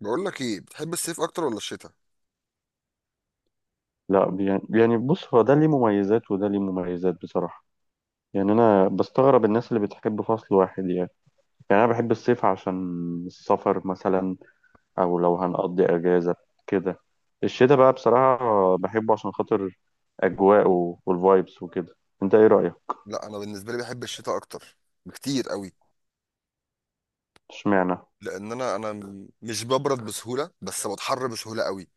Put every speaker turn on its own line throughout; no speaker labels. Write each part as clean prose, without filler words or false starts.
بقول لك ايه بتحب الصيف اكتر ولا الشتاء؟
لا يعني بص، هو ده ليه مميزات وده ليه مميزات بصراحة. يعني أنا بستغرب الناس اللي بتحب فصل واحد يعني. يعني أنا بحب الصيف عشان السفر مثلا، أو لو هنقضي أجازة كده. الشتاء بقى بصراحة بحبه عشان خاطر أجواء والفايبس وكده. أنت إيه رأيك؟
لا، انا بالنسبه لي بحب الشتاء اكتر بكتير قوي.
اشمعنى؟
لان انا مش ببرد بسهوله بس بتحر بسهوله قوي.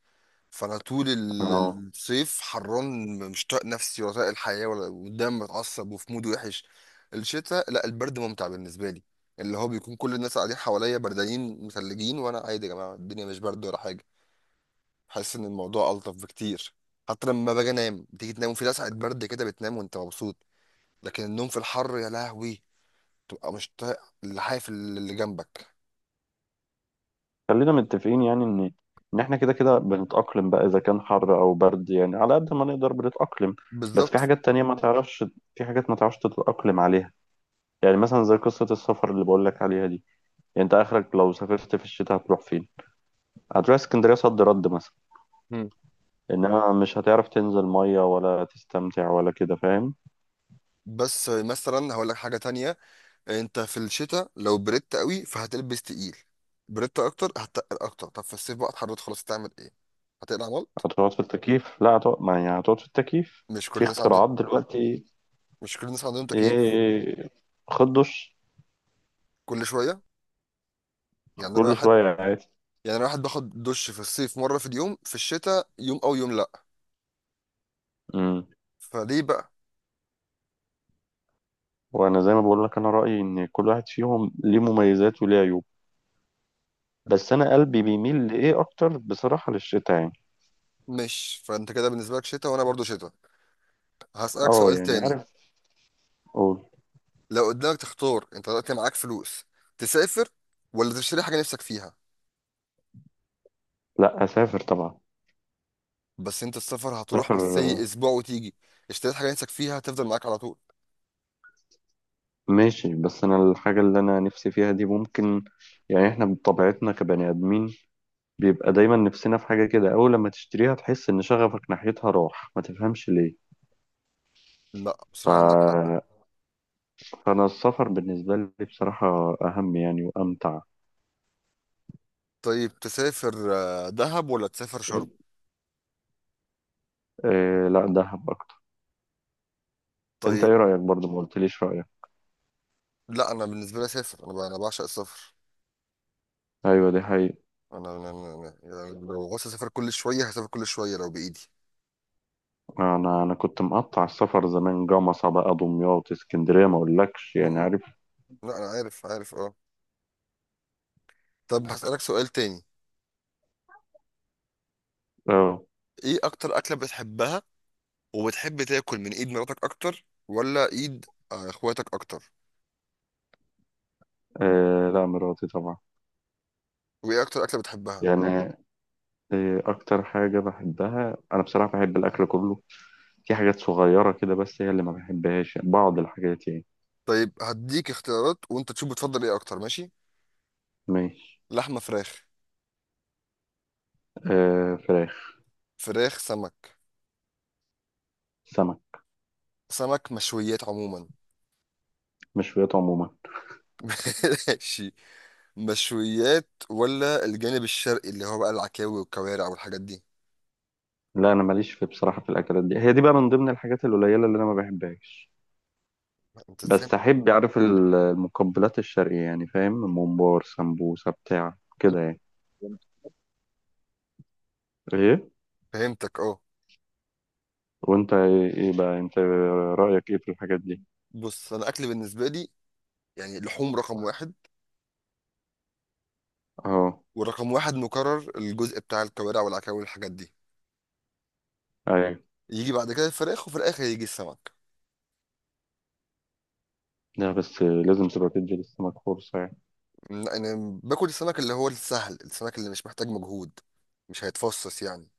فانا طول
أه.
الصيف حران، مش طايق نفسي ولا طايق الحياه ولا قدام، متعصب وفي مود وحش. الشتاء لا، البرد ممتع بالنسبه لي. اللي هو بيكون كل الناس قاعدين حواليا بردانين مثلجين وانا عادي، يا جماعه الدنيا مش برد ولا حاجه. بحس ان الموضوع الطف بكتير. حتى لما باجي انام، بتيجي تنام وفي لسعة برد كده، بتنام وانت مبسوط. لكن النوم في الحر يا لهوي، تبقى مش طايق اللحاف اللي جنبك.
خلينا متفقين يعني إن إحنا كده كده بنتأقلم بقى، إذا كان حر أو برد يعني على قد ما نقدر بنتأقلم. بس في
بالظبط.
حاجات تانية ما تعرفش، في حاجات ما تعرفش تتأقلم عليها. يعني مثلا زي قصة السفر اللي بقول لك عليها دي، يعني انت اخرك لو سافرت في الشتاء هتروح فين؟ هتروح اسكندرية صد رد مثلا.
مم.
انما مش هتعرف تنزل مية ولا تستمتع ولا كده، فاهم؟
بس مثلا هقول لك حاجة تانية. انت في الشتاء لو بردت قوي فهتلبس تقيل، بردت اكتر هتتقل اكتر. طب في الصيف بقى اتحررت خلاص، تعمل ايه؟ هتقلع ملط؟
هتقعد في التكييف، لا هتقعد ما يعني هتقعد في التكييف.
مش كل
في
الناس عندهم.
اختراعات دلوقتي.
مش كل الناس عندهم تكييف.
ايه. خد دش.
كل شوية. يعني انا
كل
واحد.
شوية عادي.
يعني انا واحد باخد دش في الصيف مرة في اليوم، في الشتاء يوم او يوم لا.
امم.
فليه بقى؟
وانا زي ما بقول لك، انا رأيي ان كل واحد فيهم ليه مميزات وليه عيوب، بس انا قلبي بيميل لايه اكتر بصراحة، للشتاء يعني.
مش فانت كده بالنسبة لك شتاء وانا برضو شتاء. هسألك
اه
سؤال
يعني
تاني.
عارف. قول.
لو قدامك تختار، انت دلوقتي معاك فلوس، تسافر ولا تشتري حاجه نفسك فيها؟
لا اسافر طبعا.
بس انت السفر هتروح
سفر.
بس ايه، اسبوع وتيجي. اشتريت حاجه نفسك فيها هتفضل معاك على طول.
ماشي، بس انا الحاجة اللي انا نفسي فيها دي ممكن، يعني احنا بطبيعتنا كبني ادمين بيبقى دايما نفسنا في حاجة كده، اول لما تشتريها تحس ان شغفك ناحيتها راح، ما تفهمش ليه.
لا
ف...
بصراحه عندك حق.
فانا السفر بالنسبة لي بصراحة اهم يعني وامتع.
طيب تسافر دهب ولا تسافر شرم؟
إيه لا، دهب اكتر. انت
طيب.
ايه رأيك برضه؟ ما قلتليش رأيك.
لا انا بالنسبه لي اسافر، انا بعشق السفر.
ايوه دي حقيقة.
يعني لو عاوز اسافر كل شويه هسافر كل شويه لو بايدي.
انا انا كنت مقطع السفر زمان، جمصة بقى، دمياط، اسكندرية، ما اقولكش يعني
م.
عارف.
لا انا عارف عارف اه. طب هسالك سؤال تاني.
اه.
ايه اكتر اكله بتحبها؟ وبتحب تاكل من ايد مراتك اكتر ولا ايد اخواتك اكتر؟
آه، لا مراتي طبعا.
وايه اكتر اكله بتحبها؟
يعني إيه أكتر حاجة بحبها أنا بصراحة؟ بحب الأكل كله، في حاجات صغيرة كده بس هي اللي ما بحبهاش بعض الحاجات يعني.
طيب هديك اختيارات وانت تشوف بتفضل ايه اكتر، ماشي؟
ماشي.
لحمه فراخ؟
آه فراخ.
فراخ سمك؟
سمك.
سمك مشويات عموما؟
مشويات عموما.
ماشي. مشويات ولا الجانب الشرقي اللي هو بقى العكاوي والكوارع والحاجات دي؟
لا أنا ماليش في بصراحة في الأكلات دي، هي دي بقى من ضمن الحاجات القليلة اللي أنا ما بحبهاش.
انت ازاي؟
بس أحب أعرف المقبلات الشرقية يعني فاهم، ممبار سمبوسة بتاع كده يعني. إيه.
فهمتك اه.
وأنت إيه بقى أنت، رأيك إيه في الحاجات دي؟
بص انا اكل بالنسبه لي، يعني لحوم رقم واحد.
أه.
ورقم واحد مكرر الجزء بتاع الكوارع والعكاوي والحاجات دي.
أيوة.
يجي بعد كده الفراخ وفي الاخر يجي السمك.
لا بس لازم تبقى تدي للسمك فرصة يعني.
انا باكل السمك اللي هو السهل، السمك اللي مش محتاج مجهود، مش هيتفصص يعني.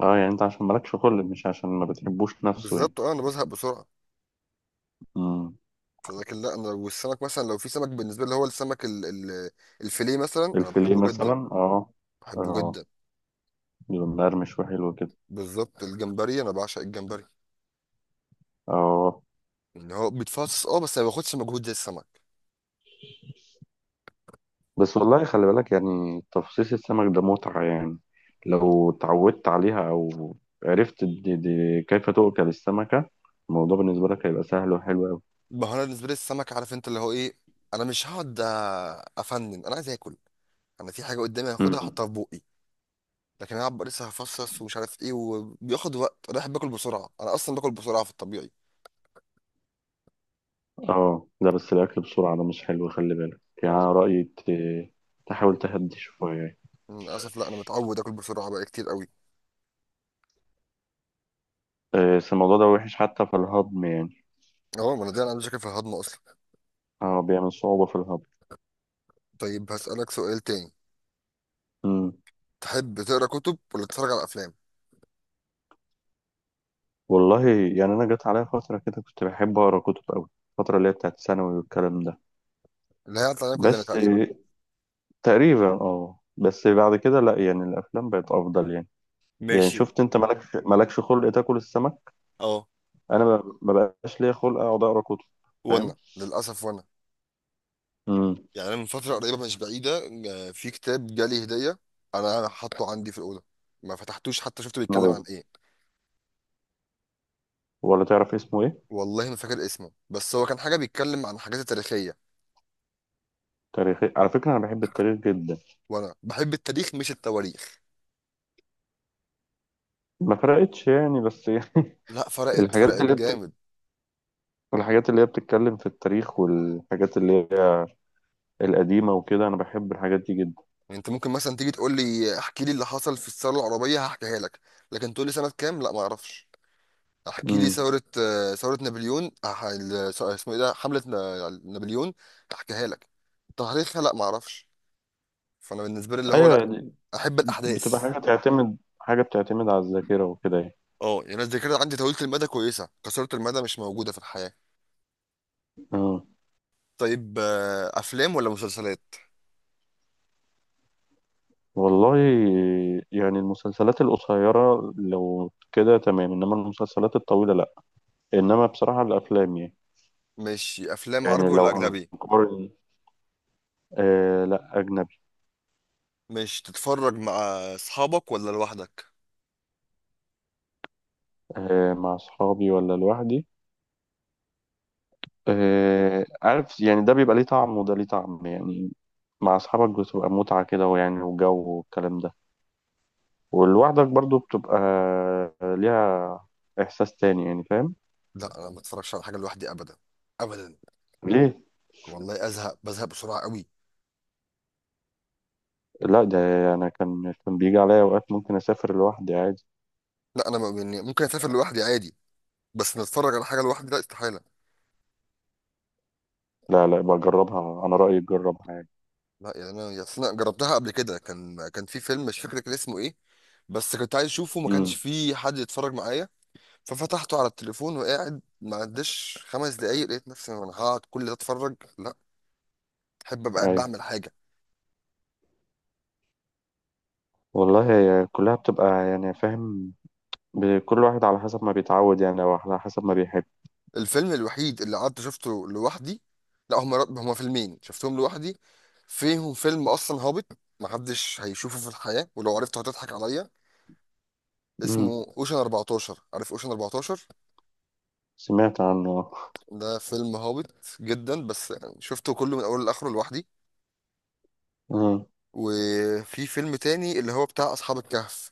اه يعني انت عشان مالكش خلق، مش عشان ما بتحبوش نفسه يعني.
بالظبط اه، انا بزهق بسرعه.
امم.
لكن لا، انا لو السمك مثلا، لو في سمك بالنسبه لي هو السمك ال الفيليه مثلا، انا
الفيليه
بحبه جدا.
مثلا اه.
بحبه
اه
جدا.
يبقى مقرمش وحلو كده.
بالظبط. الجمبري، انا بعشق الجمبري.
اه
ان هو بيتفصص اه بس ما باخدش مجهود زي السمك.
بس والله خلي بالك، يعني تفصيص السمك ده متعة يعني، لو اتعودت عليها او عرفت دي كيف تؤكل السمكة، الموضوع بالنسبة لك هيبقى سهل وحلو أوي.
ما هو انا بالنسبه لي السمك، عارف انت اللي هو ايه، انا مش هقعد افنن، انا عايز اكل. انا في حاجه قدامي هاخدها
امم.
احطها في بقي. لكن انا أبقى لسه هفصص ومش عارف ايه وبياخد وقت. انا بحب اكل بسرعه، انا اصلا باكل بسرعه في الطبيعي.
اه لا بس الأكل بسرعة ده مش حلو، خلي بالك يعني. أنا
انا
رأيي تحاول تهدي شوية يعني.
للاسف لا، انا متعود اكل بسرعه بقى كتير قوي.
آه، بس الموضوع ده وحش حتى في الهضم يعني.
اه ما انا دي، انا عندي مشاكل في الهضم اصلا.
اه بيعمل صعوبة في الهضم.
طيب هسالك سؤال تاني.
مم.
تحب تقرا كتب ولا تتفرج على افلام؟
والله يعني انا جت عليا فتره كده كنت بحب اقرا كتب قوي، الفتره اللي هي بتاعت ثانوي والكلام ده.
اللي هي علينا كلنا
بس
تقريبا.
تقريبا اه، بس بعد كده لا يعني الافلام بقت افضل يعني. يعني
ماشي.
شفت انت مالكش خلق تاكل السمك،
اه.
انا ما بقاش ليا خلق اقعد اقرا كتب، فاهم.
وانا للاسف، وانا
امم.
يعني أنا من فتره قريبه مش بعيده، في كتاب جالي هديه، انا حاطه عندي في الاوضه، ما فتحتوش حتى، شفته بيتكلم
مر-
عن ايه.
ولا تعرف اسمه ايه؟
والله ما فاكر اسمه، بس هو كان حاجه بيتكلم عن حاجات تاريخيه.
تاريخي، على فكره انا بحب التاريخ جدا.
وانا بحب التاريخ مش التواريخ.
ما فرقتش يعني، بس يعني
لا فرقت
الحاجات
فرقت
اللي بتك...
جامد.
الحاجات اللي هي بتتكلم في التاريخ والحاجات اللي هي القديمه وكده، انا بحب الحاجات دي جدا.
يعني انت ممكن مثلا تيجي تقول لي احكي لي اللي حصل في الثوره العربيه، هحكيها لك. لكن تقول لي سنه كام، لا ما اعرفش. احكي لي
مم.
ثوره ثوره نابليون، اسمه ايه ده، حمله نابليون، احكيها لك. تاريخها لا ما اعرفش. فانا بالنسبه لي اللي هو،
ايوه
لا،
يعني،
احب
بتبقى
الاحداث.
حاجه فاهم، بتعتمد حاجه بتعتمد على الذاكره وكده يعني.
اه يعني أنا الذاكره عندي طويله المدى كويسه، قصيره المدى مش موجوده في الحياه.
اه.
طيب افلام ولا مسلسلات؟
والله يعني المسلسلات القصيره لو كده تمام، انما المسلسلات الطويله لا، انما بصراحه الافلام يعني.
مش افلام
يعني
عربي ولا
لو
اجنبي؟
هنقارن، آه لا اجنبي.
مش تتفرج مع اصحابك ولا لوحدك؟
آه مع اصحابي ولا لوحدي. آه عارف يعني، ده بيبقى ليه طعم وده ليه طعم يعني، مع اصحابك بتبقى متعه كده، ويعني وجو والكلام ده، ولوحدك برضو بتبقى ليها احساس تاني يعني، فاهم.
لا انا ما اتفرجش على حاجه لوحدي ابدا. ابدا.
ليه؟
والله ازهق، بزهق بسرعه قوي.
لا ده انا كان بيجي عليا اوقات ممكن اسافر لوحدي عادي.
لا يعني ممكن اسافر لوحدي عادي. بس نتفرج على حاجه لوحدي لا استحاله.
لا لا، بجربها انا رايي تجربها عادي.
لا يعني انا، يا أصل انا جربتها قبل كده، كان في فيلم مش فاكر كان اسمه ايه، بس كنت عايز اشوفه ما كانش
امم.
في حد يتفرج معايا. ففتحته على التليفون وقاعد، ما عداش 5 دقايق لقيت نفسي انا هقعد كل ده اتفرج؟ لا، احب ابقى قاعد
ايوه.
بعمل حاجه.
والله هي كلها بتبقى يعني فاهم، كل واحد على حسب ما بيتعود يعني او على حسب ما بيحب.
الفيلم الوحيد اللي قعدت شفته لوحدي، لا هما فيلمين شفتهم لوحدي. فيهم فيلم اصلا هابط، محدش هيشوفه في الحياة، ولو عرفته هتضحك عليا. اسمه
امم.
اوشن 14، عارف اوشن 14؟
سمعت عنه.
ده فيلم هابط جدا بس يعني شفته كله من اوله لاخره لوحدي.
امم.
وفي فيلم تاني اللي هو بتاع اصحاب الكهف،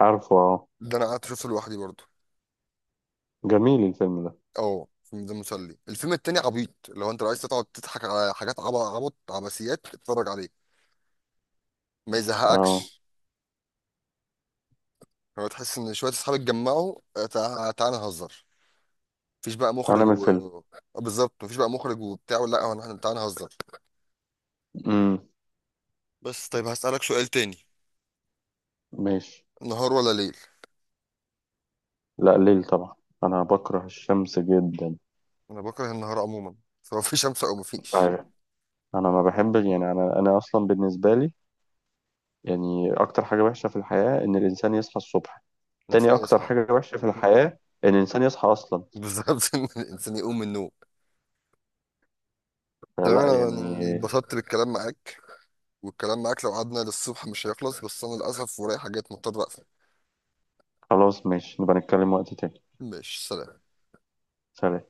عارفه اه.
ده انا قعدت شفته لوحدي برضه.
جميل الفيلم ده.
اه الفيلم ده مسلي، الفيلم التاني عبيط. لو عايز تقعد تضحك على حاجات عبط عبط، عبثيات، اتفرج عليه ما
اه.
يزهقكش. هو تحس ان شويه اصحاب اتجمعوا، تعالى نهزر، مفيش بقى
انا
مخرج
من
و
الفيلم.
آه، بالظبط، مفيش بقى مخرج وبتاع، لا هو احنا تعالى نهزر.
امم.
بس طيب هسألك سؤال تاني.
ماشي.
نهار ولا ليل؟
لا ليل طبعا، انا بكره الشمس جدا.
انا بكره النهار عموما، سواء في شمس او مفيش.
ايوه. انا ما بحبش يعني، انا اصلا بالنسبه لي، يعني اكتر حاجه وحشه في الحياه ان الانسان يصحى الصبح. تاني
الانسان
أكتر
يصحى.
حاجة وحشة في الحياة إن الإنسان يصحى أصلا.
بالظبط، ان الانسان يقوم من النوم. تمام
فلا يعني.
انا اتبسطت بالكلام معاك، والكلام معاك لو قعدنا للصبح مش هيخلص، بس انا للاسف ورايا حاجات مضطر اقفل.
خلاص ماشي، نبقى نتكلم وقت تاني.
ماشي، سلام.
سلام.